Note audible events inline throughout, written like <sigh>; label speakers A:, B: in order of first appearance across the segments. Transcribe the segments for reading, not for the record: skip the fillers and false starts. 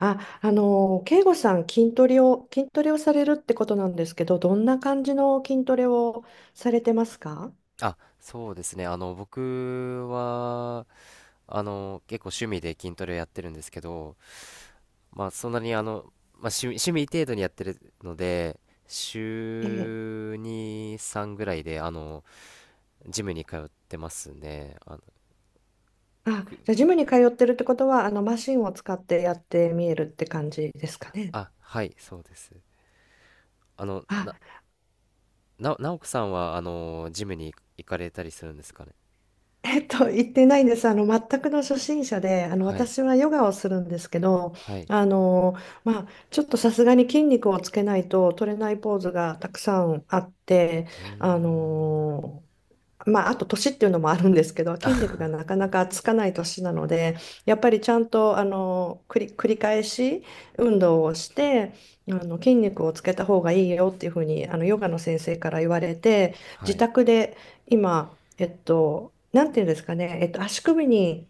A: 慶吾さん、筋トレをされるってことなんですけど、どんな感じの筋トレをされてますか？
B: そうですね。僕は、結構趣味で筋トレをやってるんですけど、まあ、そんなにあの、まあ、趣味、趣味程度にやってるので、
A: ええ。
B: 週2、3ぐらいで、ジムに通ってますね。
A: あ、
B: く、
A: じゃあ、ジムに通ってるってことは、マシンを使ってやってみえるって感じですかね。
B: はい、そうです。あの、な、
A: あ、
B: な、直子さんは、ジムに行かれたりするんですかね。
A: 言ってないんです。全くの初心者で、
B: はい、
A: 私はヨガをするんですけど、
B: はい。
A: あの、まあ、ちょっとさすがに筋肉をつけないと取れないポーズがたくさんあって、
B: うー
A: あ
B: ん、
A: の、まあ、あと年っていうのもあるんですけど、筋力がなかなかつかない年なので、やっぱりちゃんと繰り返し運動をして、筋肉をつけた方がいいよっていうふうにヨガの先生から言われて、
B: は
A: 自
B: い、
A: 宅で今、なんていうんですかね、足首に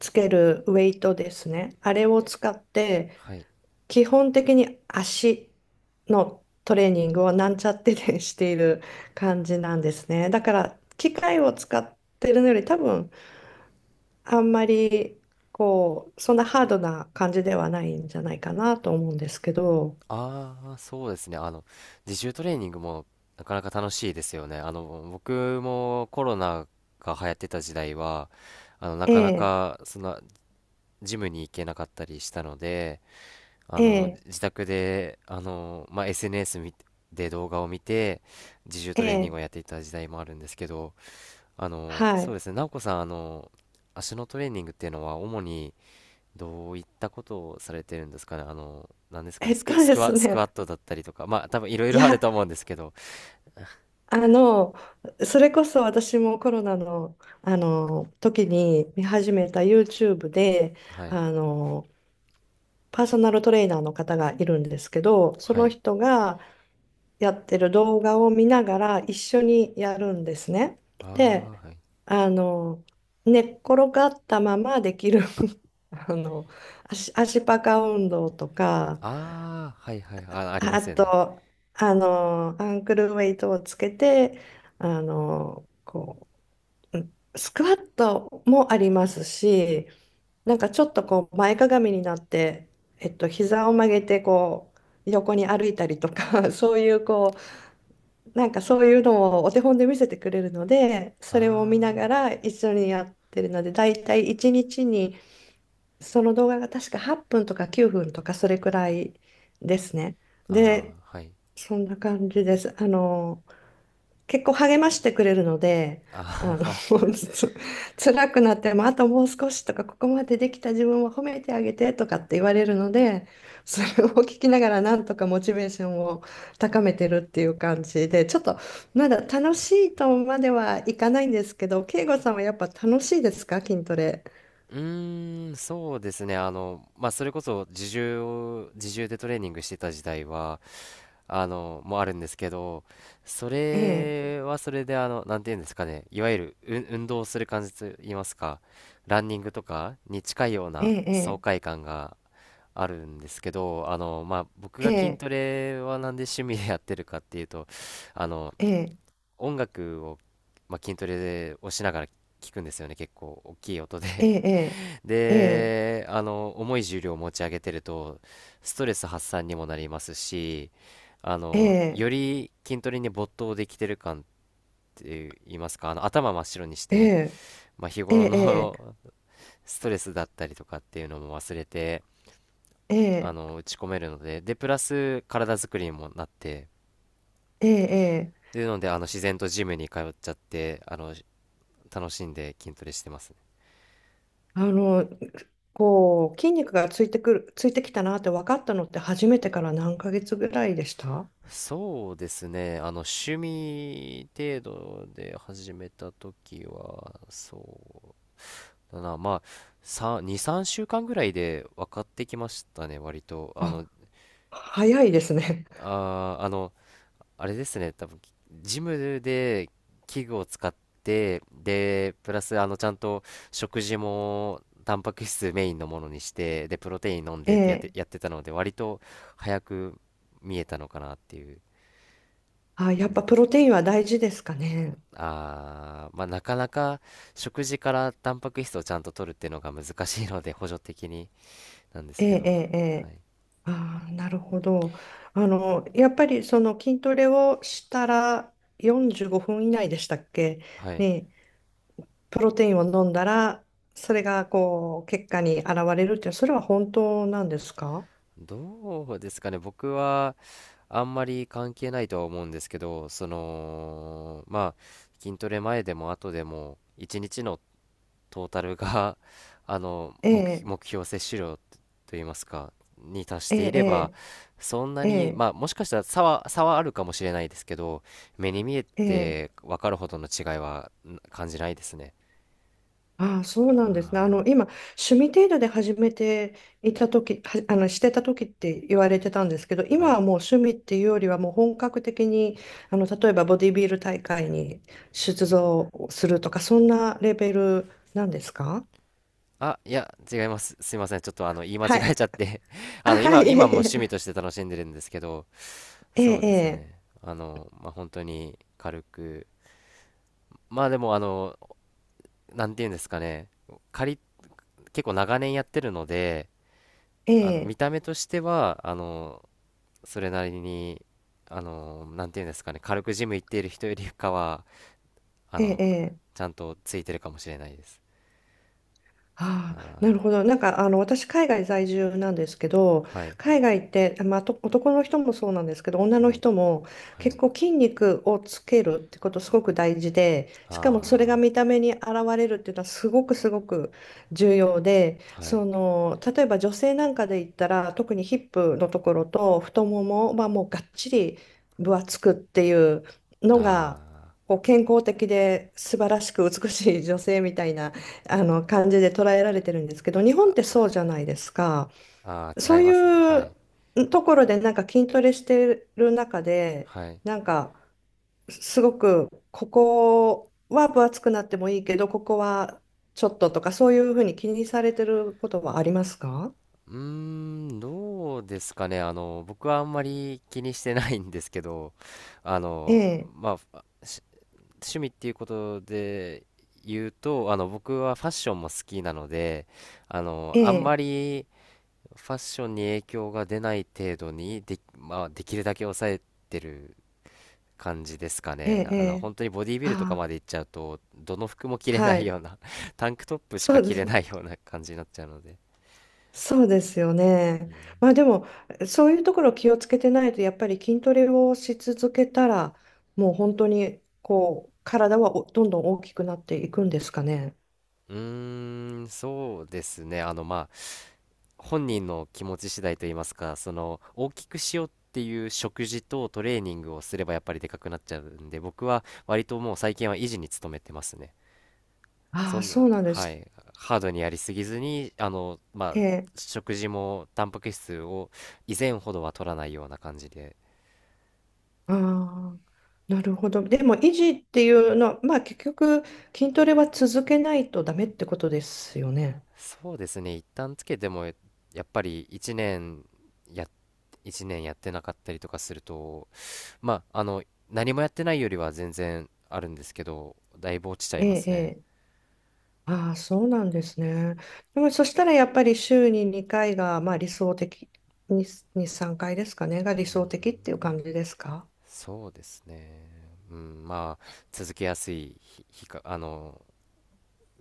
A: つけるウェイトですね、あれを使って、
B: はい。
A: 基本的に足のトレーニングをなんちゃってでしている感じなんですね。だから機械を使ってるのより多分あんまりこうそんなハードな感じではないんじゃないかなと思うんですけど。
B: ああ、そうですね。自重トレーニングもなかなか楽しいですよね。僕もコロナが流行ってた時代は、あの、な
A: え
B: かな
A: え、
B: か、その、ジムに行けなかったりしたので、
A: ええ、
B: 自宅で、SNS 見て動画を見て、自重
A: え
B: トレーニング
A: え、
B: をやっていた時代もあるんですけど、
A: は
B: そう
A: い。
B: ですね。直子さん、足のトレーニングっていうのは、主に、どういったことをされてるんですかね、あの、なんです
A: <laughs>
B: かね、
A: え
B: ス
A: っ
B: ク、
A: と
B: ス
A: で
B: ク
A: す
B: ワ、スク
A: ね。
B: ワットだったりとか、まあ、多分いろい
A: い
B: ろあると
A: や、
B: 思うんですけど、
A: あの、それこそ私もコロナの、あの時に見始めた YouTube で、
B: はい、
A: あの、パーソナルトレーナーの方がいるんですけど、そ
B: は
A: の
B: い、
A: 人がやってる動画を見ながら一緒にやるんですね。で、
B: ああ、はい、
A: あの、寝っ転がったままできる <laughs> あの、足パカ運動とか、
B: ああ、はい、はい、ありま
A: あ
B: すよね。
A: と、アンクルウェイトをつけて、こう、スクワットもありますし、なんかちょっとこう前かがみになって、膝を曲げてこう横に歩いたりとか <laughs> そういうこうなんかそういうのをお手本で見せてくれるので、それを見なが
B: あ
A: ら一緒にやってるので、だいたい1日にちに、その動画が確か8分とか9分とかそれくらいですね。
B: あ、あ
A: で、
B: あ、はい、
A: そんな感じです。結構励ましてくれるので、あの、
B: あ
A: <laughs> つ辛くなっても、あともう少しとか、ここまでできた自分を褒めてあげてとかって言われるので、それを聞きながらなんとかモチベーションを高めてるっていう感じで、ちょっとまだ楽しいとまではいかないんですけど、慶吾さんはやっぱ楽しいですか、筋トレ？
B: うーん、そうですね、あの、まあ、それこそ自重でトレーニングしてた時代は、もあるんですけど、そ
A: ええ、
B: れはそれで、あの、なんていうんですかね、いわゆる、運動する感じと言いますか、ランニングとかに近いよう
A: え
B: な爽
A: え、
B: 快感があるんですけど、まあ、僕
A: え
B: が筋
A: え、
B: トレはなんで趣味でやってるかっていうと、あの、
A: ええ、
B: 音楽を、まあ、筋トレをしながら聞くんですよね、結構大きい音
A: え
B: で
A: え、ええ、
B: 重い重量を持ち上げてると、ストレス発散にもなりますし、
A: ええ、
B: より筋トレに没頭できてる感って言いますか、頭真っ白にし
A: え
B: て、
A: え、
B: まあ、日
A: え
B: 頃
A: え、ええ、
B: の <laughs> ストレスだったりとかっていうのも忘れて、打ち込めるので、で、プラス体作りにもなって、
A: ええ、ええ、
B: で、なので、あの、自然とジムに通っちゃって、楽しんで筋トレしてますね。
A: あの、こう、筋肉がついてくる、ついてきたなって分かったのって、初めてから何ヶ月ぐらいでした？
B: そうですね。趣味程度で始めた時は、そうだな。まあ、2、3週間ぐらいで分かってきましたね、割と。
A: あ、早いですね。
B: あー、あの、あれですね。多分、ジムで器具を使って、で、プラス、ちゃんと食事も、タンパク質メインのものにして、で、プロテイン飲んでってやって、
A: <laughs> ええ、
B: やってたので、割と早く見えたのかなっていう
A: あ、
B: 感
A: やっ
B: じ
A: ぱ
B: で
A: プ
B: す
A: ロ
B: ね。
A: テインは大事ですかね。
B: あー、まあなかなか食事からタンパク質をちゃんと取るっていうのが難しいので補助的になんです
A: ええ、
B: けど、
A: ええ、え
B: は
A: え。
B: い。
A: ああ、なるほど。やっぱりその筋トレをしたら45分以内でしたっけ
B: はい。
A: ね、プロテインを飲んだら、それがこう、結果に現れるって、それは本当なんですか？
B: どうですかね。僕はあんまり関係ないとは思うんですけど、まあ筋トレ前でも後でも一日のトータルが <laughs> あの目
A: ええ、
B: 標、目標摂取量といいますかに達していれば
A: え
B: そんな
A: え、
B: に
A: え
B: まあ
A: え、
B: もしかしたら差はあるかもしれないですけど目に見え
A: ええ、
B: て
A: ええ。
B: 分かるほどの違いは感じないですね。
A: ああ、そうなんですね。
B: あ
A: 今、趣味程度で始めていた時は、してた時って言われてたんですけど、
B: ーは
A: 今
B: い、
A: はもう趣味っていうよりはもう本格的に、例えばボディビル大会に出場するとか、そんなレベルなんですか？
B: いや違います。すいませんちょっとあの言い間
A: は
B: 違え
A: い。
B: ちゃって <laughs>
A: あ、はい。
B: 今も
A: え
B: 趣味と
A: え、
B: して楽しんでるんですけどそうです
A: ええ、
B: ね本当に軽くまあでもあのなんていうんですかね仮結構長年やってるので
A: え
B: 見
A: え、え
B: た目としてはそれなりにあのなんていうんですかね軽くジム行っている人よりかはあ
A: え、ええ、
B: の
A: ええ。
B: ちゃんとついてるかもしれないです。
A: ああ、な
B: あ
A: るほど。なんか、私、海外在住なんですけど、
B: ーはい
A: 海外って、まあ、と男の人もそうなんですけど、女の
B: はい
A: 人も
B: は
A: 結
B: い
A: 構筋肉をつけるってことすごく大事で、しかもそれが
B: あ
A: 見た目に現れるっていうのはすごくすごく重要で、
B: ーはい
A: その、例えば女性なんかで言ったら、特にヒップのところと太ももはもうがっちり分厚くっていうのが、
B: あ
A: こう健康的で素晴らしく美しい女性みたいな、あの感じで捉えられてるんですけど、日本ってそうじゃないですか。
B: ーあー
A: そ
B: 違
A: う
B: いますね
A: い
B: はい
A: うところで、なんか筋トレしてる中で、
B: はい
A: なんかすごくここは分厚くなってもいいけど、ここはちょっととか、そういうふうに気にされてることはありますか？
B: うーんどうですかね僕はあんまり気にしてないんですけどあ
A: え
B: の
A: え、
B: まあ趣味っていうことで言うと、僕はファッションも好きなので、
A: え
B: あんま
A: え、
B: りファッションに影響が出ない程度にで、まあ、できるだけ抑えてる感じですか
A: え
B: ね。
A: え、ええ。
B: 本当にボディビルとか
A: あ
B: までいっちゃうと、どの服も着
A: あ、
B: れな
A: は
B: い
A: い。
B: ような <laughs> タンクトップし
A: そ
B: か
A: うで
B: 着
A: す。
B: れないような感じになっちゃうので。
A: そうですよね。
B: うん
A: まあでも、そういうところ気をつけてないと、やっぱり筋トレをし続けたら、もう本当にこう、体はどんどん大きくなっていくんですかね。
B: うーん、そうですね。本人の気持ち次第といいますか、その大きくしようっていう食事とトレーニングをすればやっぱりでかくなっちゃうんで、僕は割ともう最近は維持に努めてますね。
A: あ
B: そ
A: あ、
B: ん
A: そ
B: な、
A: うなんで
B: は
A: す
B: い、ハードにやりすぎずに、
A: っ
B: まあ、
A: て。
B: 食事もタンパク質を以前ほどは取らないような感じで、
A: ああ、なるほど。でも、維持っていうのは、まあ結局、筋トレは続けないとダメってことですよね。
B: そうですね、一旦つけてもやっぱりや、1年やってなかったりとかすると、まあ、あの、何もやってないよりは全然あるんですけど、だいぶ落ちちゃい
A: え
B: ま
A: え、
B: す
A: え
B: ね。
A: え。ああ、そうなんですね。でもそしたらやっぱり週に2回が、まあ、理想的、に2、3回ですかね、が理想的っていう感じですか？
B: そうですね。うん、まあ、続けやすい日、日か、あの、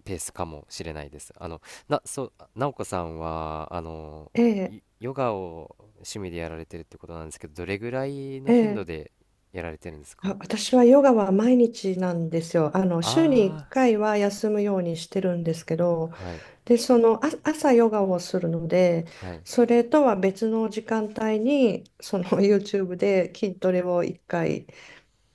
B: ペースかもしれないです。あの、な、そう、なおこさんは、
A: ええ、
B: ヨガを趣味でやられてるってことなんですけど、どれぐらいの
A: え
B: 頻度
A: え。
B: でやられてるんです
A: あ、
B: か？
A: 私はヨガは毎日なんですよ。週に1
B: あ
A: 回は休むようにしてるんですけど、
B: あー、はい、
A: で、その、あ、朝ヨガをするので、
B: はい。
A: それとは別の時間帯に、その <laughs> YouTube で筋トレを1回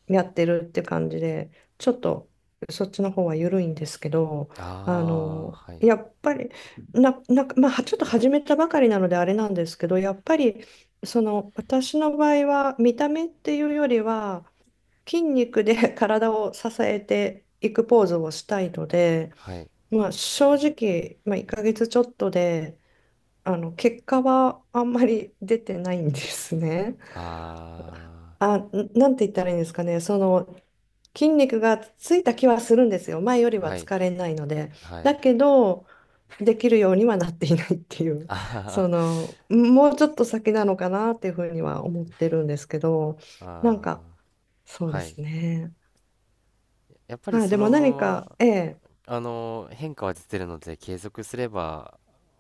A: やってるって感じで、ちょっとそっちの方は緩いんですけど、
B: ああ、はい、
A: やっぱり、なんか、まあ、ちょっと始めたばかりなのであれなんですけど、やっぱり、その、私の場合は、見た目っていうよりは、筋肉で <laughs> 体を支えていくポーズをしたいので、
B: はい。
A: まあ、正直、まあ、1ヶ月ちょっとで、結果はあんまり出てないんですね。
B: あ
A: あ、なんて言ったらいいんですかね。その、筋肉がついた気はするんですよ。前より
B: あ、
A: は
B: はい、
A: 疲れないので。
B: はい。
A: だけど、できるようにはなっていないっていう、
B: あ
A: その、もうちょっと先なのかなっていうふうには思ってるんですけど、
B: あ、
A: なんか、
B: ああ。
A: そうで
B: はい。
A: すね。
B: やっぱり
A: まあ、
B: そ
A: でも
B: のま
A: 何か、
B: ま、
A: ええ、
B: 変化は出てるので、継続すれば、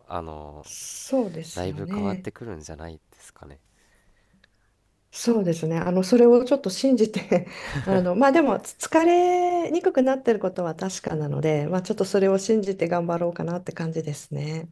B: あの、
A: そうで
B: だ
A: す
B: い
A: よ
B: ぶ変わっ
A: ね。
B: てくるんじゃないですかね。
A: そうですね。それをちょっと信じて <laughs> まあでも、疲れにくくなってることは確かなので、まあちょっとそれを信じて頑張ろうかなって感じですね。